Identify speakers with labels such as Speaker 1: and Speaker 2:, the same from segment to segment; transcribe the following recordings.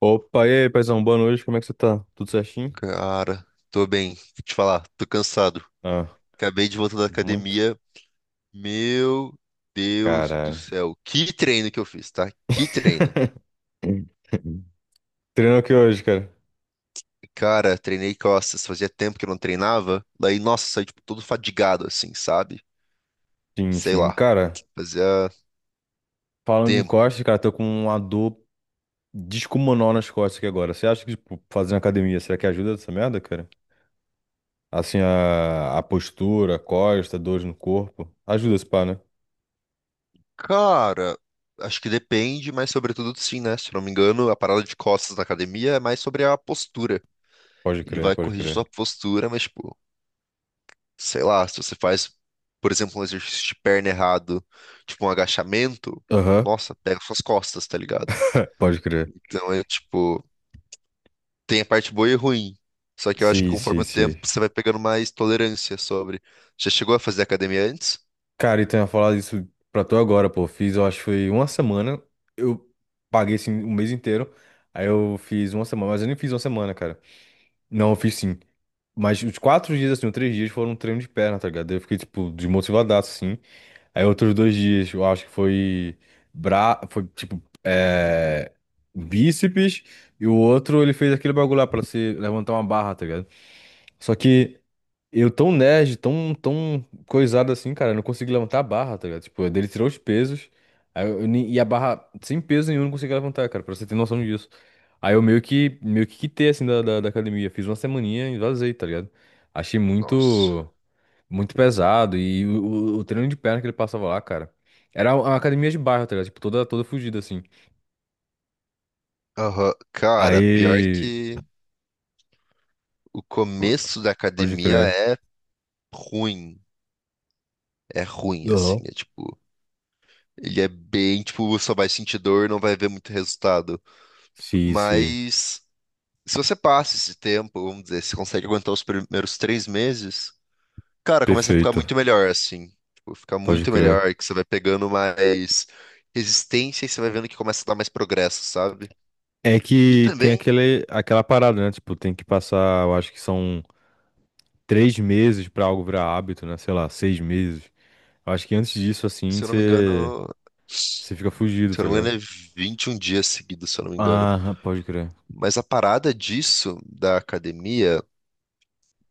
Speaker 1: Opa, e aí, paizão, boa noite, como é que você tá? Tudo certinho?
Speaker 2: Cara, tô bem. Vou te falar, tô cansado.
Speaker 1: Ah,
Speaker 2: Acabei de voltar da
Speaker 1: muito?
Speaker 2: academia. Meu Deus do
Speaker 1: Caralho.
Speaker 2: céu. Que treino que eu fiz, tá? Que treino.
Speaker 1: Treino aqui hoje, cara.
Speaker 2: Cara, treinei costas. Fazia tempo que eu não treinava. Daí, nossa, saí, tipo, todo fadigado, assim, sabe?
Speaker 1: Sim,
Speaker 2: Sei
Speaker 1: sim.
Speaker 2: lá.
Speaker 1: Cara,
Speaker 2: Fazia
Speaker 1: falando em
Speaker 2: tempo.
Speaker 1: costas, cara, tô com uma dor descomunal nas costas aqui agora. Você acha que, tipo, fazendo academia, será que ajuda essa merda, cara? Assim, a postura, a costa, dores no corpo. Ajuda esse pá, né?
Speaker 2: Cara, acho que depende, mas sobretudo sim, né? Se eu não me engano, a parada de costas na academia é mais sobre a postura.
Speaker 1: Pode
Speaker 2: Ele
Speaker 1: crer,
Speaker 2: vai
Speaker 1: pode
Speaker 2: corrigir
Speaker 1: crer.
Speaker 2: sua postura, mas, tipo, sei lá, se você faz, por exemplo, um exercício de perna errado, tipo um agachamento,
Speaker 1: Aham.
Speaker 2: nossa, pega suas costas, tá ligado?
Speaker 1: Pode crer.
Speaker 2: Então é tipo, tem a parte boa e ruim. Só que eu acho que
Speaker 1: Sim, sim,
Speaker 2: conforme o tempo
Speaker 1: sim.
Speaker 2: você vai pegando mais tolerância sobre. Já chegou a fazer academia antes?
Speaker 1: Cara, então eu ia falar isso pra tu agora, pô. Fiz, eu acho que foi uma semana. Eu paguei, assim, o mês inteiro. Aí eu fiz uma semana, mas eu nem fiz uma semana, cara. Não, eu fiz sim. Mas os quatro dias, assim, os três dias foram um treino de perna, tá ligado? Eu fiquei, tipo, desmotivadaço, assim. Aí outros dois dias, eu acho que foi... Foi, tipo, Bíceps. E o outro, ele fez aquele bagulho lá pra se levantar uma barra, tá ligado? Só que... Eu tão nerd, tão, tão coisado assim, cara, eu não consigo levantar a barra, tá ligado? Tipo, ele tirou os pesos, aí eu nem- e a barra sem peso nenhum eu não consegui levantar, cara, pra você ter noção disso. Aí eu meio que quitei, assim, da academia. Fiz uma semaninha e vazei, tá ligado? Achei
Speaker 2: Nossa.
Speaker 1: muito, muito pesado e o treino de perna que ele passava lá, cara, era uma academia de bairro, tá ligado? Tipo, toda fugida, assim.
Speaker 2: Aham. Cara, pior
Speaker 1: Aí,
Speaker 2: que o começo da
Speaker 1: pode
Speaker 2: academia
Speaker 1: crer.
Speaker 2: é ruim. É ruim, assim.
Speaker 1: Aham.
Speaker 2: É tipo. Ele é bem, tipo, só vai sentir dor, não vai ver muito resultado.
Speaker 1: Sim, sim.
Speaker 2: Mas. Se você passa esse tempo, vamos dizer, se consegue aguentar os primeiros 3 meses, cara, começa a ficar muito
Speaker 1: Perfeito.
Speaker 2: melhor, assim. Tipo, fica
Speaker 1: Pode
Speaker 2: muito
Speaker 1: crer.
Speaker 2: melhor, que você vai pegando mais resistência e você vai vendo que começa a dar mais progresso, sabe?
Speaker 1: É
Speaker 2: E
Speaker 1: que tem
Speaker 2: também,
Speaker 1: aquela parada, né? Tipo, tem que passar, eu acho que são três meses pra algo virar hábito, né? Sei lá, seis meses. Eu acho que antes disso, assim,
Speaker 2: se eu não me
Speaker 1: você
Speaker 2: engano, se
Speaker 1: você fica fugido,
Speaker 2: eu
Speaker 1: tá
Speaker 2: não me
Speaker 1: ligado?
Speaker 2: engano, é 21 dias seguidos, se eu não me engano.
Speaker 1: Ah, pode crer.
Speaker 2: Mas a parada disso, da academia,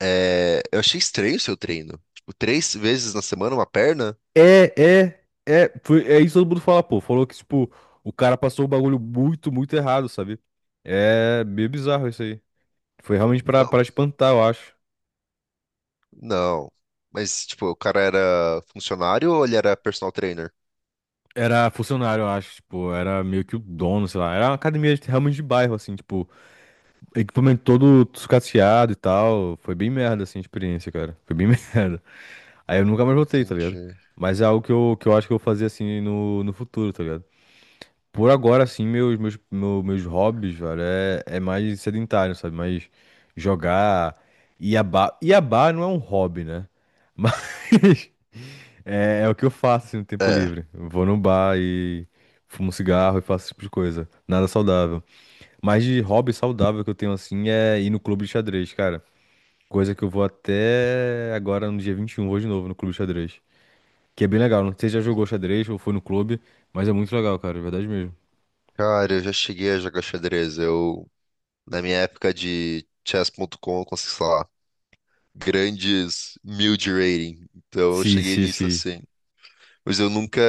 Speaker 2: é... eu achei estranho o seu treino. Tipo, três vezes na semana, uma perna?
Speaker 1: É, é. Foi, é isso que todo mundo fala, pô. Falou que, tipo, o cara passou o bagulho muito, muito errado, sabe? É meio bizarro isso aí. Foi realmente pra espantar, eu acho.
Speaker 2: Não. Mas, tipo, o cara era funcionário ou ele era personal trainer?
Speaker 1: Era funcionário, eu acho, tipo, era meio que o dono, sei lá. Era uma academia realmente de bairro, assim, tipo. Equipamento todo sucateado e tal. Foi bem merda, assim, a experiência, cara. Foi bem merda. Aí eu nunca mais voltei, tá ligado?
Speaker 2: Entendi.
Speaker 1: Mas é algo que eu acho que eu vou fazer, assim, no futuro, tá ligado? Por agora, assim, meus hobbies, velho, é mais sedentário, sabe? Mais jogar. Iabá. Iabá não é um hobby, né? Mas é o que eu faço, assim, no tempo
Speaker 2: É,
Speaker 1: livre. Eu vou no bar e fumo cigarro e faço esse tipo de coisa. Nada saudável. Mas de hobby saudável que eu tenho assim é ir no clube de xadrez, cara. Coisa que eu vou até agora no dia 21, vou de novo no clube de xadrez. Que é bem legal. Não sei se já jogou xadrez ou foi no clube, mas é muito legal, cara. É verdade mesmo.
Speaker 2: cara, eu já cheguei a jogar xadrez. Eu, na minha época de chess.com, eu consegui, sei lá, grandes mil de rating. Então eu
Speaker 1: Sim,
Speaker 2: cheguei
Speaker 1: sim,
Speaker 2: nisso
Speaker 1: sim.
Speaker 2: assim. Mas eu nunca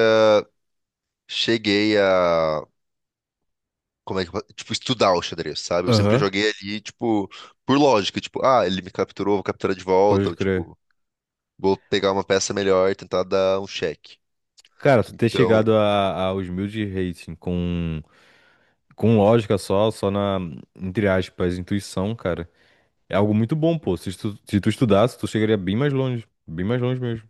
Speaker 2: cheguei a, como é que, eu fa- tipo, estudar o xadrez, sabe? Eu sempre
Speaker 1: Aham,
Speaker 2: joguei ali, tipo, por lógica. Tipo, ah, ele me capturou, vou capturar de volta.
Speaker 1: pode
Speaker 2: Ou,
Speaker 1: crer.
Speaker 2: tipo, vou pegar uma peça melhor e tentar dar um check.
Speaker 1: Cara, tu ter
Speaker 2: Então,
Speaker 1: chegado aos mil de rating com, lógica só na, entre aspas, intuição, cara, é algo muito bom, pô. Se tu estudasse, tu chegaria bem mais longe. Bem mais longe mesmo.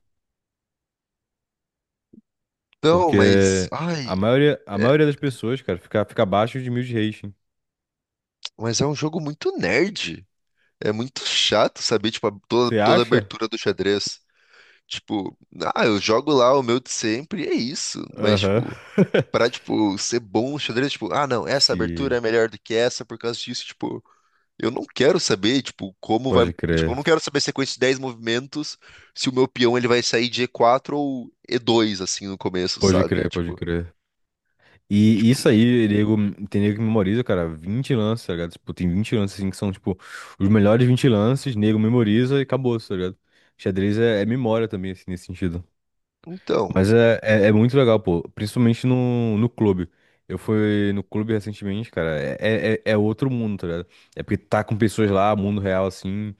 Speaker 2: não, mas.
Speaker 1: Porque a
Speaker 2: Ai,
Speaker 1: maioria, a
Speaker 2: é-
Speaker 1: maioria das pessoas, cara, fica abaixo de mil de rating.
Speaker 2: mas é um jogo muito nerd. É muito chato saber, tipo, a- toda,
Speaker 1: Você
Speaker 2: toda a
Speaker 1: acha?
Speaker 2: abertura do xadrez. Tipo, ah, eu jogo lá o meu de sempre e é isso. Mas,
Speaker 1: Aham.
Speaker 2: tipo, pra, tipo, ser bom no xadrez, tipo, ah, não, essa abertura é
Speaker 1: Se.
Speaker 2: melhor do que essa por causa disso, tipo, eu não quero saber, tipo, como vai.
Speaker 1: Pode
Speaker 2: Tipo, eu
Speaker 1: crer.
Speaker 2: não quero saber a sequência de 10 movimentos se o meu peão ele vai sair de E4 ou E2, assim, no começo,
Speaker 1: Pode
Speaker 2: sabe?
Speaker 1: crer, pode
Speaker 2: Tipo,
Speaker 1: crer. E
Speaker 2: tipo,
Speaker 1: isso aí, nego, tem nego que memoriza, cara, 20 lances, tá ligado? Tipo, tem 20 lances, assim, que são, tipo, os melhores 20 lances, nego memoriza e acabou, tá ligado? Xadrez é memória também, assim, nesse sentido.
Speaker 2: então.
Speaker 1: Mas é muito legal, pô. Principalmente no clube. Eu fui no clube recentemente, cara. É outro mundo, tá ligado? É porque tá com pessoas lá, mundo real, assim.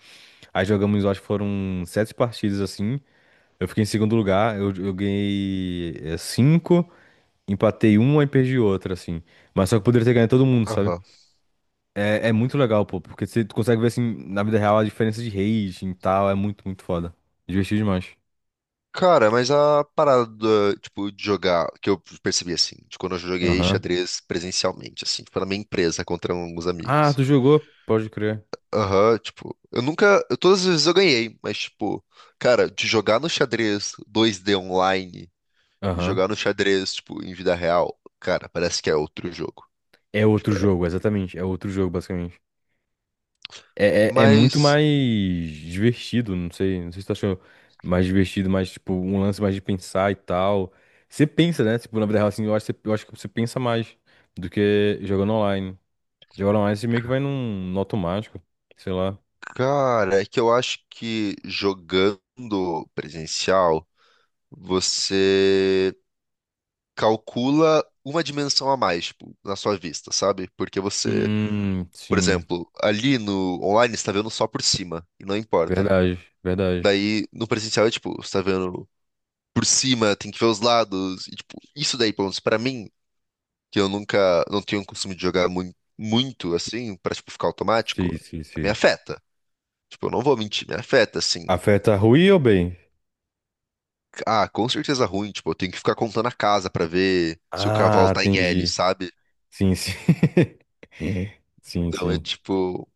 Speaker 1: Aí jogamos, eu acho que foram sete partidas, assim. Eu fiquei em segundo lugar. Eu ganhei cinco, empatei uma e perdi outra, assim. Mas só que eu poderia ter ganho todo mundo, sabe? É muito legal, pô. Porque você consegue ver, assim, na vida real a diferença de rating e tal. É muito, muito foda. Divertido demais.
Speaker 2: Cara, mas a parada, do, tipo, de jogar, que eu percebi assim, de quando eu joguei
Speaker 1: Aham.
Speaker 2: xadrez presencialmente, assim, tipo, na minha empresa contra alguns
Speaker 1: Ah,
Speaker 2: amigos.
Speaker 1: tu jogou? Pode crer.
Speaker 2: Aham, tipo, eu nunca, eu- todas as vezes eu ganhei, mas tipo, cara, de jogar no xadrez 2D online e
Speaker 1: Aham.
Speaker 2: jogar no xadrez, tipo, em vida real, cara, parece que é outro jogo.
Speaker 1: É outro
Speaker 2: Tipo, é.
Speaker 1: jogo, exatamente. É outro jogo, basicamente. É muito
Speaker 2: Mas,
Speaker 1: mais divertido, não sei se tu achou mais divertido, mais tipo, um lance mais de pensar e tal. Você pensa, né? Tipo, na vida real, assim, eu acho que você pensa mais do que jogando online. Jogando online, você meio que vai no automático, sei lá.
Speaker 2: cara, é que eu acho que jogando presencial, você calcula uma dimensão a mais, tipo, na sua vista, sabe? Porque você, por
Speaker 1: Sim.
Speaker 2: exemplo, ali no online você tá vendo só por cima, e não importa.
Speaker 1: Verdade, verdade.
Speaker 2: Daí no presencial é tipo, você tá vendo por cima, tem que ver os lados, e tipo, isso daí, pelo menos pra mim, que eu nunca, não tenho o costume de jogar muito, muito assim, pra tipo, ficar automático,
Speaker 1: Sim, sim,
Speaker 2: me
Speaker 1: sim.
Speaker 2: afeta. Tipo, eu não vou mentir, me afeta, assim.
Speaker 1: Afeta ruim ou bem?
Speaker 2: Ah, com certeza ruim, tipo, eu tenho que ficar contando a casa pra ver se o cavalo
Speaker 1: Ah,
Speaker 2: tá em L,
Speaker 1: entendi.
Speaker 2: sabe?
Speaker 1: Sim, sim. Sim,
Speaker 2: Então é
Speaker 1: sim.
Speaker 2: tipo,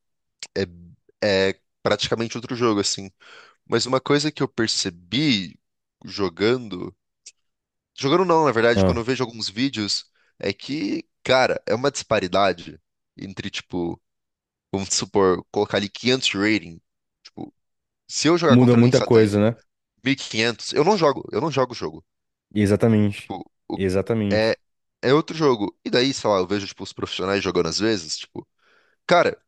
Speaker 2: é, é praticamente outro jogo, assim. Mas uma coisa que eu percebi jogando. Jogando não, na verdade, quando
Speaker 1: Ah.
Speaker 2: eu vejo alguns vídeos, é que, cara, é uma disparidade entre, tipo, vamos supor, colocar ali 500 de rating. Tipo, se eu jogar
Speaker 1: Muda
Speaker 2: contra alguém que
Speaker 1: muita
Speaker 2: só tem
Speaker 1: coisa, né?
Speaker 2: 1500, eu não jogo o jogo.
Speaker 1: Exatamente.
Speaker 2: Tipo, o- é,
Speaker 1: Exatamente.
Speaker 2: é outro jogo. E daí, sei lá, eu vejo, tipo, os profissionais jogando às vezes, tipo, cara,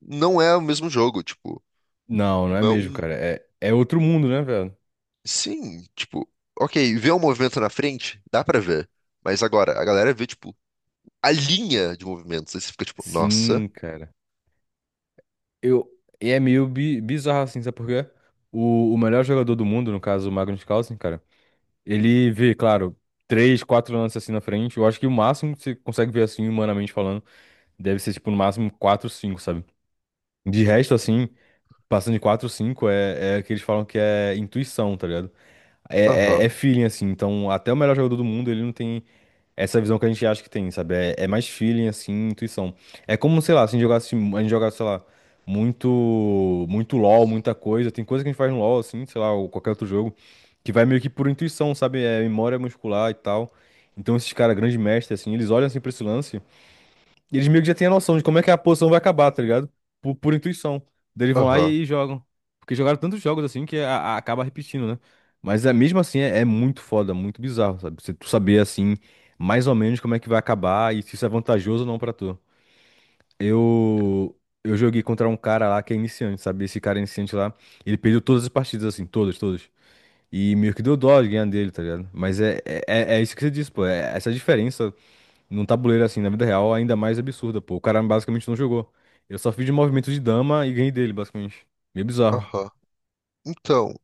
Speaker 2: não é o mesmo jogo, tipo,
Speaker 1: Não, não é mesmo,
Speaker 2: não.
Speaker 1: cara. É outro mundo, né, velho?
Speaker 2: Sim, tipo, ok, ver um movimento na frente, dá pra ver. Mas agora, a galera vê, tipo, a linha de movimentos. Aí você fica tipo, nossa,
Speaker 1: Sim, cara. Eu, e é meio bizarro, assim, sabe por quê? O melhor jogador do mundo, no caso, o Magnus Carlsen, cara, ele vê, claro, três, quatro lances assim na frente. Eu acho que o máximo que você consegue ver, assim, humanamente falando, deve ser, tipo, no máximo quatro, cinco, sabe? De resto, assim, passando de quatro, cinco, é, é, que eles falam que é intuição, tá ligado? é
Speaker 2: aham,
Speaker 1: feeling, assim. Então, até o melhor jogador do mundo, ele não tem. Essa visão que a gente acha que tem, sabe? É mais feeling, assim, intuição. É como, sei lá, se a gente jogasse, sei lá, muito, muito LoL, muita coisa. Tem coisa que a gente faz no LoL, assim, sei lá, ou qualquer outro jogo, que vai meio que por intuição, sabe? É memória muscular e tal. Então, esses caras, grandes mestres, assim, eles olham assim pra esse lance. Eles meio que já têm a noção de como é que a posição vai acabar, tá ligado? Por intuição. Daí eles vão lá
Speaker 2: aham,
Speaker 1: e jogam. Porque jogaram tantos jogos assim que acaba repetindo, né? Mas é, mesmo assim é muito foda, muito bizarro, sabe? Você tu saber assim, mais ou menos como é que vai acabar e se isso é vantajoso ou não pra tu. Eu. Eu joguei contra um cara lá que é iniciante, sabe? Esse cara iniciante lá, ele perdeu todas as partidas, assim, todas, todas. E meio que deu dó de ganhar dele, tá ligado? Mas é isso que você disse, pô. É essa diferença num tabuleiro assim, na vida real, ainda mais absurda, pô. O cara basicamente não jogou. Eu só fiz de movimento de dama e ganhei dele, basicamente. Meio bizarro.
Speaker 2: aham. Então,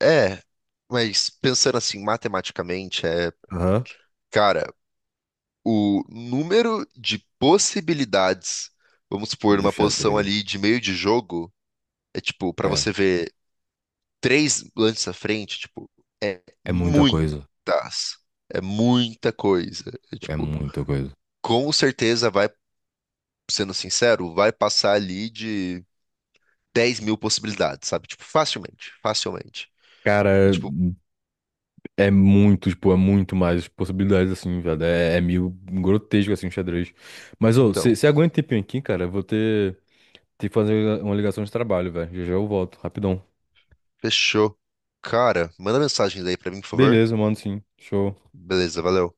Speaker 2: é. Mas pensando assim, matematicamente, é.
Speaker 1: Aham.
Speaker 2: Cara, o número de possibilidades, vamos supor,
Speaker 1: Do
Speaker 2: numa posição
Speaker 1: xadrez.
Speaker 2: ali de meio de jogo, é tipo, pra
Speaker 1: É.
Speaker 2: você ver três lances à frente, tipo, é
Speaker 1: É muita
Speaker 2: muitas.
Speaker 1: coisa.
Speaker 2: É muita coisa. É,
Speaker 1: É
Speaker 2: tipo.
Speaker 1: muita coisa.
Speaker 2: Com certeza vai, sendo sincero, vai passar ali de 10 mil possibilidades, sabe? Tipo, facilmente, facilmente. E
Speaker 1: Cara,
Speaker 2: tipo,
Speaker 1: é muito, tipo, é muito mais possibilidades, assim, velho. É meio grotesco, assim, o xadrez. Mas, ô,
Speaker 2: então,
Speaker 1: você aguenta um tempinho aqui, cara? Eu vou ter que fazer uma ligação de trabalho, velho. Já já eu volto, rapidão.
Speaker 2: fechou. Cara, manda mensagens aí pra mim, por favor.
Speaker 1: Beleza, mano, sim. Show.
Speaker 2: Beleza, valeu.